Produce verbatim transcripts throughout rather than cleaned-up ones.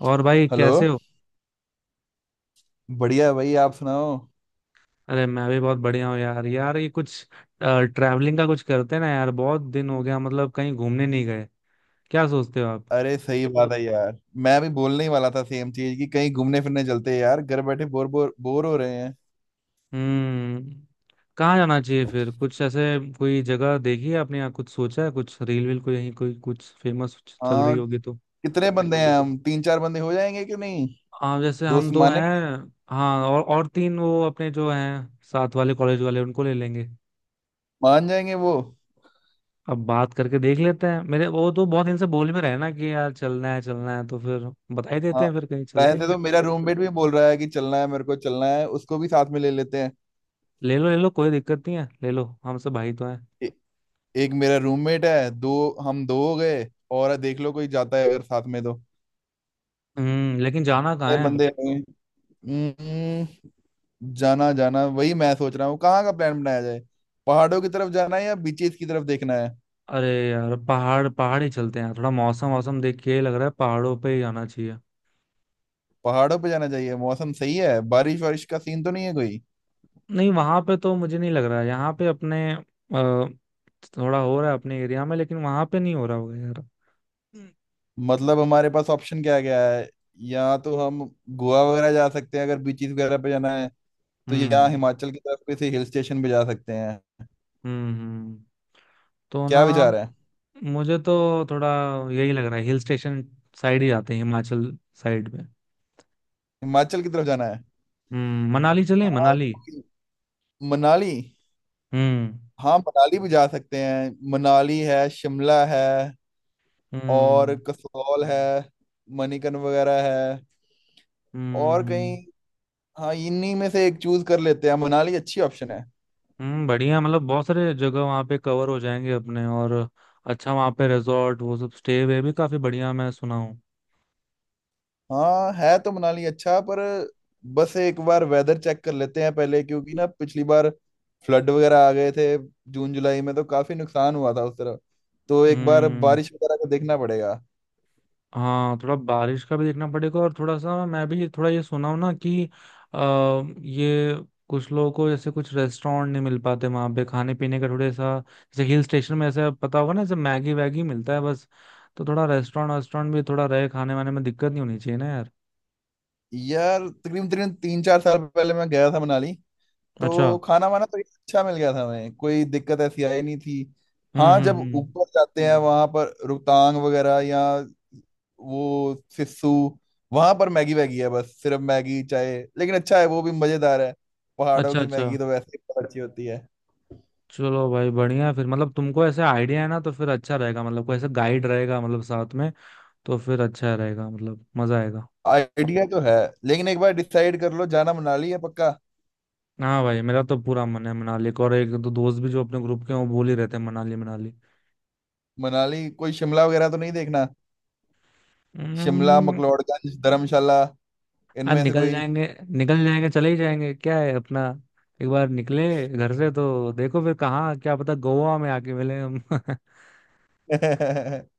और भाई हेलो। कैसे हो? बढ़िया है भाई, आप सुनाओ। अरे, मैं भी बहुत बढ़िया हूँ यार। यार, ये कुछ ट्रैवलिंग का कुछ करते हैं ना यार। बहुत दिन हो गया, मतलब कहीं घूमने नहीं गए। क्या सोचते हो आप? अरे सही बात है यार। मैं भी बोलने ही वाला था सेम चीज, कि कहीं घूमने फिरने चलते हैं यार, घर बैठे बोर बोर बोर हो रहे हैं। हम्म। कहाँ जाना चाहिए फिर कुछ ऐसे? कोई जगह देखी है आपने या कुछ सोचा है? कुछ रील वील को यहीं कोई कुछ फेमस चल रही हाँ, होगी तो। कितने बंदे हैं? हम तीन चार बंदे हो जाएंगे कि नहीं? हाँ, जैसे हम दोस्त दो माने? हैं। हाँ, और और तीन वो अपने जो हैं साथ वाले कॉलेज वाले उनको ले लेंगे। मान जाएंगे वो? अब बात करके देख लेते हैं। मेरे वो तो बहुत दिन से बोल में रहे ना कि यार चलना है चलना है, तो फिर बता ही देते हाँ। हैं फिर कहीं चलते ही वैसे हैं। तो मेरा रूममेट भी बोल रहा है कि चलना है, मेरे को चलना है, उसको भी साथ में ले लेते हैं। ले लो ले लो, कोई दिक्कत नहीं है, ले लो। हमसे भाई तो हैं। ए, एक मेरा रूममेट है, दो, हम दो हो गए। और देख लो कोई जाता है अगर साथ में तो। हम्म लेकिन जाना कहाँ कितने है? बंदे हैं? हम्म, जाना जाना वही मैं सोच रहा हूँ, कहाँ का प्लान बनाया जाए। पहाड़ों की तरफ जाना है, या बीचेस की तरफ देखना है? अरे यार, पहाड़ पहाड़ ही चलते हैं। थोड़ा मौसम मौसम देख के लग रहा है पहाड़ों पे ही जाना चाहिए। पहाड़ों पे जाना चाहिए, मौसम सही है। बारिश वारिश का सीन तो नहीं है कोई? नहीं, वहां पे तो मुझे नहीं लग रहा है। यहाँ पे अपने अ, थोड़ा हो रहा है अपने एरिया में, लेकिन वहां पे नहीं हो रहा होगा यार। मतलब हमारे पास ऑप्शन क्या क्या है? या तो हम गोवा वगैरह जा सकते हैं अगर बीचेस वगैरह पे जाना है तो, या हम्म हिमाचल की तरफ किसी हिल स्टेशन पे जा सकते हैं। हम्म हम्म। तो ना, क्या विचार है? मुझे तो थोड़ा यही लग रहा है, हिल स्टेशन साइड ही जाते हैं, हिमाचल साइड में। हिमाचल की तरफ जाना है। हम्म मनाली चले हाँ, मनाली। मनाली। हम्म हाँ मनाली भी जा सकते हैं। मनाली है, शिमला है, और हम्म कसौल है, मणिकर्ण वगैरह है, और कहीं। हम्म हाँ, इन्हीं में से एक चूज कर लेते हैं, मनाली अच्छी ऑप्शन है। हम्म। बढ़िया, मतलब बहुत सारे जगह वहाँ पे कवर हो जाएंगे अपने। और अच्छा, वहाँ पे रिजॉर्ट वो सब स्टे वे भी काफी बढ़िया मैं सुना हूँ। हाँ, है तो मनाली अच्छा, पर बस एक बार वेदर चेक कर लेते हैं पहले, क्योंकि ना पिछली बार फ्लड वगैरह आ गए थे। जून जुलाई में तो काफी नुकसान हुआ था उस तरफ, तो एक बार हम्म। बारिश वगैरह का देखना पड़ेगा। हाँ, थोड़ा बारिश का भी देखना पड़ेगा और थोड़ा सा मैं भी थोड़ा ये सुना हूं ना कि आ, ये कुछ लोगों को जैसे कुछ रेस्टोरेंट नहीं मिल पाते वहां पे खाने पीने का, थोड़े सा जैसे हिल स्टेशन में ऐसा पता होगा ना जैसे मैगी वैगी मिलता है बस। तो थोड़ा रेस्टोरेंट वेस्टोरेंट भी थोड़ा रहे, खाने वाने में दिक्कत नहीं होनी चाहिए ना यार। यार तकरीबन तकरीबन तीन चार साल पहले मैं गया था मनाली, तो अच्छा। खाना वाना तो अच्छा मिल गया था, हमें कोई दिक्कत ऐसी आई नहीं थी। हम्म हाँ हम्म जब हम्म। ऊपर जाते हैं वहां पर रोहतांग वगैरह, या वो सिस्सू, वहां पर मैगी वैगी है, बस सिर्फ मैगी चाय, लेकिन अच्छा है, वो भी मजेदार है। पहाड़ों अच्छा की अच्छा। मैगी तो वैसे ही बहुत अच्छी होती है। चलो भाई, बढ़िया है फिर। मतलब तुमको ऐसे आइडिया है ना तो फिर अच्छा रहेगा, मतलब कोई ऐसा गाइड रहेगा मतलब साथ में तो फिर अच्छा रहेगा, मतलब मजा आएगा। आइडिया तो है, लेकिन एक बार डिसाइड कर लो, जाना मनाली है पक्का? हाँ भाई, मेरा तो पूरा मन है मनाली का। और एक दो दोस्त भी जो अपने ग्रुप के हैं वो बोल ही रहते हैं, मनाली मनाली। मनाली कोई शिमला वगैरह तो नहीं देखना? शिमला, हम्म, मैक्लोडगंज, धर्मशाला, आज इनमें से निकल कोई? जाएंगे। निकल जाएंगे चले ही जाएंगे, क्या है अपना। एक बार निकले घर से तो देखो फिर कहाँ, क्या पता गोवा में आके मिले हम।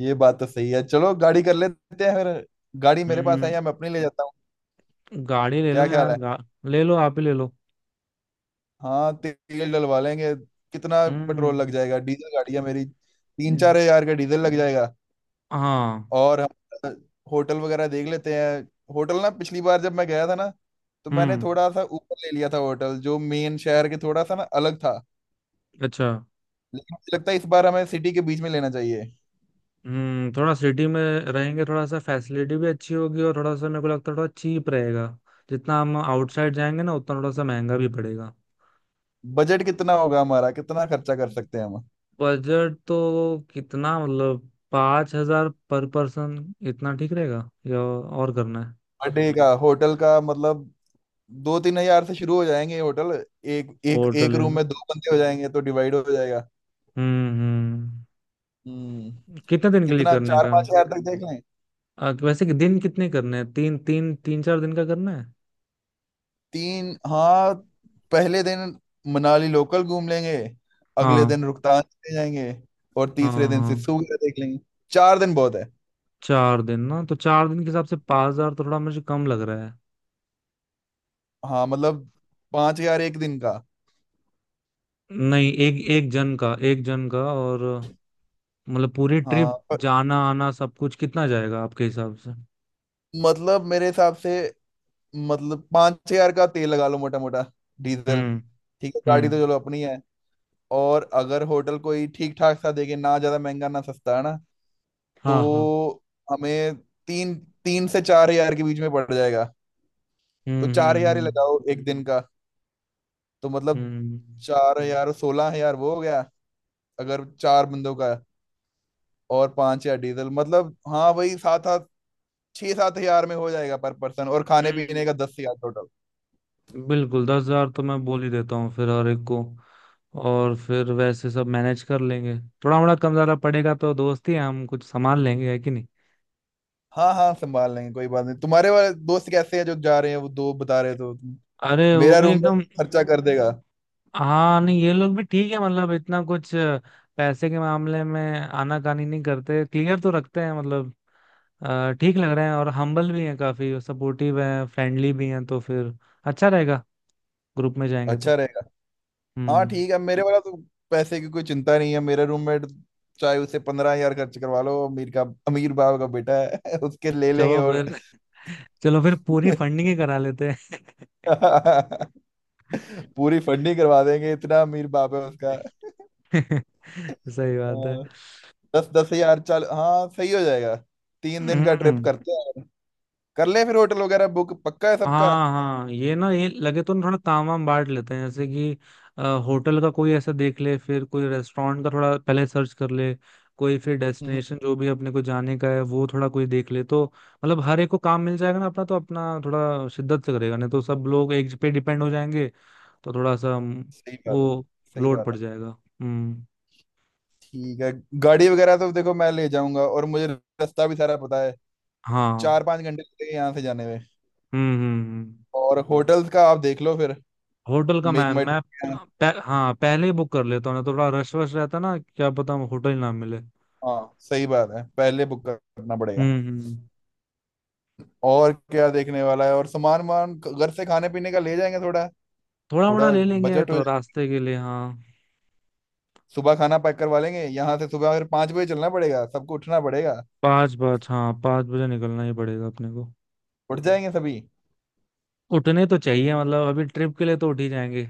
ये बात तो सही है, चलो गाड़ी कर लेते हैं फिर। गाड़ी मेरे पास है, हम्म या मैं अपनी ले जाता हूँ, गाड़ी ले क्या लो ख्याल यार। है? गा, ले लो आप ही ले लो। हाँ, ते- तेल डलवा लेंगे। कितना पेट्रोल हम्म लग जाएगा, डीजल गाड़ी है मेरी, तीन हम्म। चार हजार का डीजल लग जाएगा। हाँ। और हम होटल वगैरह देख लेते हैं। होटल ना, पिछली बार जब मैं गया था ना, तो मैंने हम्म। थोड़ा सा ऊपर ले लिया था होटल, जो मेन शहर के थोड़ा सा ना अलग था। अच्छा। लेकिन मुझे लगता है इस बार हमें सिटी के बीच में लेना चाहिए। हम्म थोड़ा सिटी में रहेंगे, थोड़ा सा फैसिलिटी भी अच्छी होगी, और थोड़ा सा मेरे को लगता है थोड़ा चीप रहेगा। जितना हम आउटसाइड जाएंगे ना उतना थोड़ा सा महंगा भी पड़ेगा। बजट कितना होगा हमारा, कितना खर्चा कर सकते हैं हम? बजट तो कितना, मतलब पाँच हजार पर पर्सन इतना ठीक रहेगा या और करना है? पर डे का होटल का मतलब, दो तीन हजार से शुरू हो जाएंगे ये होटल। एक एक होटल एक है रूम में ना। दो बंदे हो जाएंगे, तो डिवाइड हो जाएगा। हम्म हम्म। हम्म कितने दिन के लिए कितना, करने चार का? पांच हजार तक देख लें? अ, वैसे कि दिन कितने करने हैं, तीन तीन तीन चार दिन का करना है। तीन, हाँ। पहले दिन मनाली लोकल घूम लेंगे, अगले हाँ दिन रोहतांग चले जाएंगे, और हाँ तीसरे दिन सिस्सू हाँ। वगैरह देख लेंगे। चार दिन बहुत है। चार दिन ना, तो चार दिन के हिसाब से पाँच हजार तो थोड़ा मुझे कम लग रहा। हाँ मतलब, पांच हजार एक दिन का। नहीं, एक एक जन का एक जन का, और मतलब पूरी हाँ ट्रिप पर, जाना आना सब कुछ कितना जाएगा आपके हिसाब से? मतलब मेरे हिसाब से, मतलब पांच हजार का तेल लगा लो मोटा मोटा, डीजल। हम्म ठीक है, गाड़ी हम्म। तो चलो अपनी है। और अगर होटल कोई ठीक ठाक सा देखे ना, ज्यादा महंगा ना सस्ता है ना, हाँ हाँ। तो हमें तीन, तीन से चार हजार के बीच में पड़ जाएगा। तो हम्म चार हजार ही हम्म लगाओ एक दिन का। तो मतलब हम्म चार हजार, सोलह हजार वो हो गया अगर चार बंदों का। और पांच हजार डीजल, मतलब हाँ वही सात आठ, छह सात हजार में हो जाएगा पर पर्सन, और हम्म। खाने पीने हम्म। का दस हजार टोटल। बिल्कुल। दस हजार तो मैं बोल ही देता हूँ फिर हर एक को, और फिर वैसे सब मैनेज कर लेंगे। थोड़ा मोड़ा कम ज्यादा पड़ेगा तो दोस्त ही हैं, हम कुछ संभाल लेंगे, है कि नहीं? हाँ हाँ, संभाल लेंगे, कोई बात नहीं। तुम्हारे वाले दोस्त कैसे हैं जो जा रहे हैं, वो दो बता रहे थे तुम? अरे वो मेरा भी एकदम। रूममेट खर्चा कर देगा। हाँ नहीं, ये लोग भी ठीक है, मतलब इतना कुछ पैसे के मामले में आनाकानी नहीं करते, क्लियर तो रखते हैं, मतलब अ, ठीक लग रहे हैं। और हम्बल भी हैं, काफी सपोर्टिव हैं, फ्रेंडली भी हैं, तो फिर अच्छा रहेगा ग्रुप में जाएंगे अच्छा तो। रहेगा। हाँ हम्म ठीक है, मेरे वाला तो पैसे की कोई चिंता नहीं है, मेरा रूममेट। चाहे उसे पंद्रह हजार खर्च करवा लो, अमीर का अमीर बाप का बेटा है। उसके ले लेंगे। चलो और फिर। चलो फिर पूरी फंडिंग ही करा लेते हैं। पूरी फंडिंग करवा देंगे, इतना अमीर बाप है उसका। सही अ, बात है। दस दस हजार चल, हाँ सही हो जाएगा, तीन दिन का ट्रिप हम्म। करते हैं। कर ले फिर होटल वगैरह बुक, पक्का है सबका? हाँ हाँ, ये ना, ये लगे तो ना थोड़ा ताम वाम बांट लेते हैं, जैसे कि अ, होटल का कोई ऐसा देख ले, फिर कोई रेस्टोरेंट का थोड़ा पहले सर्च कर ले, कोई फिर हम्म, हम्म, डेस्टिनेशन जो भी अपने को जाने का है वो थोड़ा कोई देख ले तो। मतलब हर एक को काम मिल जाएगा ना अपना, तो अपना थोड़ा शिद्दत से करेगा, नहीं तो सब लोग एक पे डिपेंड हो जाएंगे। तो थोड़ा सा हम्म, सही बात है, वो सही लोड बात पड़ है। जाएगा। हम्म। ठीक है। गाड़ी वगैरह तो देखो मैं ले जाऊंगा, और मुझे रास्ता भी सारा पता है। चार हाँ। पांच घंटे लगेंगे यहाँ से जाने में। हम्म हम्म हम्म। और होटल्स का आप देख लो फिर, होटल का मेक मैम माई मैं मैं- ट्रिप। पह, हाँ, पहले ही बुक कर लेता हूँ ना तो थोड़ा रश वश रहता ना, क्या पता होटल ना मिले। हाँ सही बात है, पहले बुक करना पड़ेगा। हम्म हम्म। और क्या देखने वाला है? और सामान वामान घर से खाने पीने का ले जाएंगे थोड़ा, थोड़ा मोड़ा थोड़ा ले लेंगे बजट हो तो जाए। रास्ते के लिए, हाँ। सुबह खाना पैक करवा लेंगे यहाँ से, सुबह फिर पाँच बजे चलना पड़ेगा, सबको उठना पड़ेगा। पाँच बज हाँ, पाँच बजे निकलना ही पड़ेगा अपने को। उठ जाएंगे सभी। उठने तो चाहिए मतलब, अभी ट्रिप के लिए तो उठ ही जाएंगे।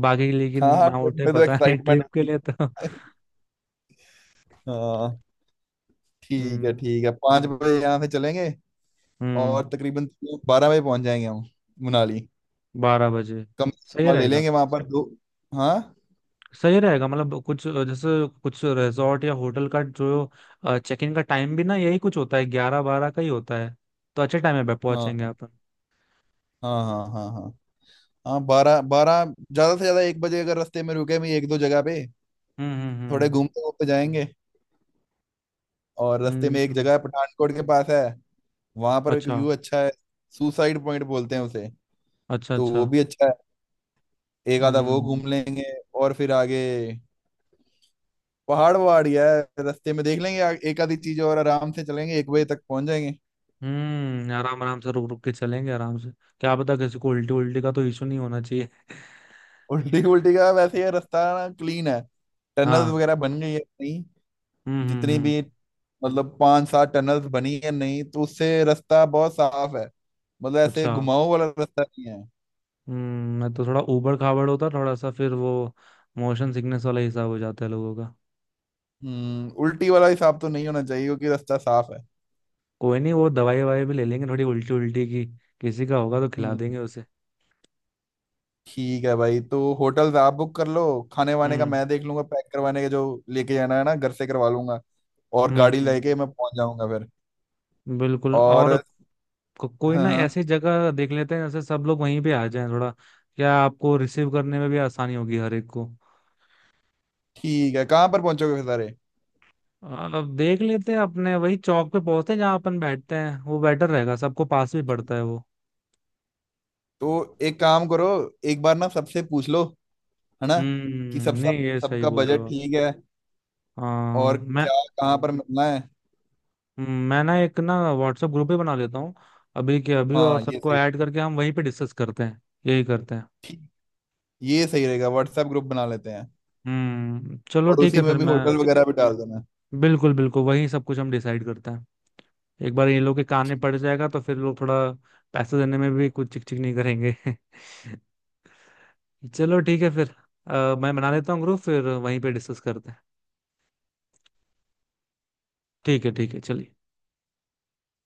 बाकी के लिए कि हाँ हाँ, ना ट्रिप उठे में तो पता नहीं, एक्साइटमेंट ट्रिप के होती लिए तो। है। हाँ ठीक है हम्म ठीक है, पाँच बजे यहाँ से चलेंगे, हम्म। और तकरीबन बारह बजे पहुंच जाएंगे हम मनाली। बारह बजे कम से सही कम ले रहेगा। लेंगे वहां पर दो। हाँ सही रहेगा, मतलब कुछ अ, जैसे कुछ रिजॉर्ट या होटल का जो चेक इन का टाइम भी ना यही कुछ होता है, ग्यारह बारह का ही होता है, तो अच्छे टाइम पे पहुंचेंगे हाँ अपन। हाँ हाँ, हाँ हाँ हाँ, बारह बारह, ज्यादा से ज्यादा एक बजे, अगर रास्ते में रुके भी एक दो जगह पे, हम्म थोड़े हम्म घूमते घूमते जाएंगे। और रास्ते हम्म में एक हम्म। जगह है पठानकोट के पास है, वहां पर एक अच्छा व्यू अच्छा है, सुसाइड पॉइंट बोलते हैं उसे, अच्छा तो वो अच्छा। भी अच्छा है। एक आधा वो हम्म घूम लेंगे, और फिर आगे पहाड़ वहाड़ ही है। रास्ते में देख लेंगे आ- एक आधी चीज, और आराम से चलेंगे, एक बजे तक पहुंच जाएंगे। हम्म। आराम आराम से रुक रुक के चलेंगे आराम से। क्या पता किसी को उल्टी उल्टी का तो इशू नहीं होना चाहिए। उल्टी उल्टी का वैसे ये रास्ता क्लीन है, टनल्स हाँ। वगैरह बन गई है नहीं? हम्म हम्म जितनी हम्म। भी, मतलब पांच सात टनल्स बनी है, नहीं तो उससे रास्ता बहुत साफ है, मतलब ऐसे अच्छा। घुमाऊ वाला रास्ता नहीं है। हम्म मैं तो थोड़ा ऊबड़ खाबड़ होता थोड़ा सा फिर वो मोशन सिकनेस वाला हिसाब हो जाता है लोगों का। हम्म उल्टी वाला हिसाब तो नहीं होना चाहिए, क्योंकि रास्ता साफ है। कोई नहीं, वो दवाई ववाई भी ले लेंगे थोड़ी उल्टी उल्टी की, किसी का होगा तो खिला हम्म देंगे उसे। ठीक है भाई, तो होटल्स आप बुक कर लो, खाने वाने का हम्म मैं देख लूंगा। पैक करवाने के जो लेके जाना है ना, घर से करवा लूंगा, और हम्म गाड़ी हम्म। लेके मैं पहुंच जाऊंगा फिर। बिल्कुल और और को, कोई हाँ ना हाँ। ऐसी जगह देख लेते हैं जैसे सब लोग वहीं पे आ जाएं थोड़ा, क्या आपको रिसीव करने में भी आसानी होगी हर एक को। ठीक है, कहाँ पर पहुंचोगे फिर सारे? अब देख लेते हैं, अपने वही चौक पे पहुंचते हैं जहाँ अपन बैठते हैं, वो बेटर रहेगा, सबको पास भी पड़ता है वो। तो एक काम करो, एक बार ना सबसे पूछ लो, है ना, कि सब हम्म नहीं, सब ये सही सबका बोल रहे बजट हो आप। ठीक है, और हाँ। मैं क्या, कहाँ पर मिलना है। मैं ना एक ना व्हाट्सएप ग्रुप ही बना लेता हूँ अभी के अभी, और हाँ ये सबको सही। ऐड करके हम वहीं पे डिस्कस करते हैं। यही करते हैं। ठीक, ये सही रहेगा, व्हाट्सएप ग्रुप बना लेते हैं। हम्म चलो और ठीक उसी है में फिर भी मैं। होटल वगैरह भी डाल देना। बिल्कुल बिल्कुल, वही सब कुछ हम डिसाइड करते हैं। एक बार ये लोग के कान में पड़ जाएगा तो फिर लोग थोड़ा पैसे देने में भी कुछ चिक चिक नहीं करेंगे। चलो ठीक है फिर। अ, मैं बना लेता हूँ ग्रुप फिर वहीं पे डिस्कस करते हैं। ठीक है ठीक है चलिए।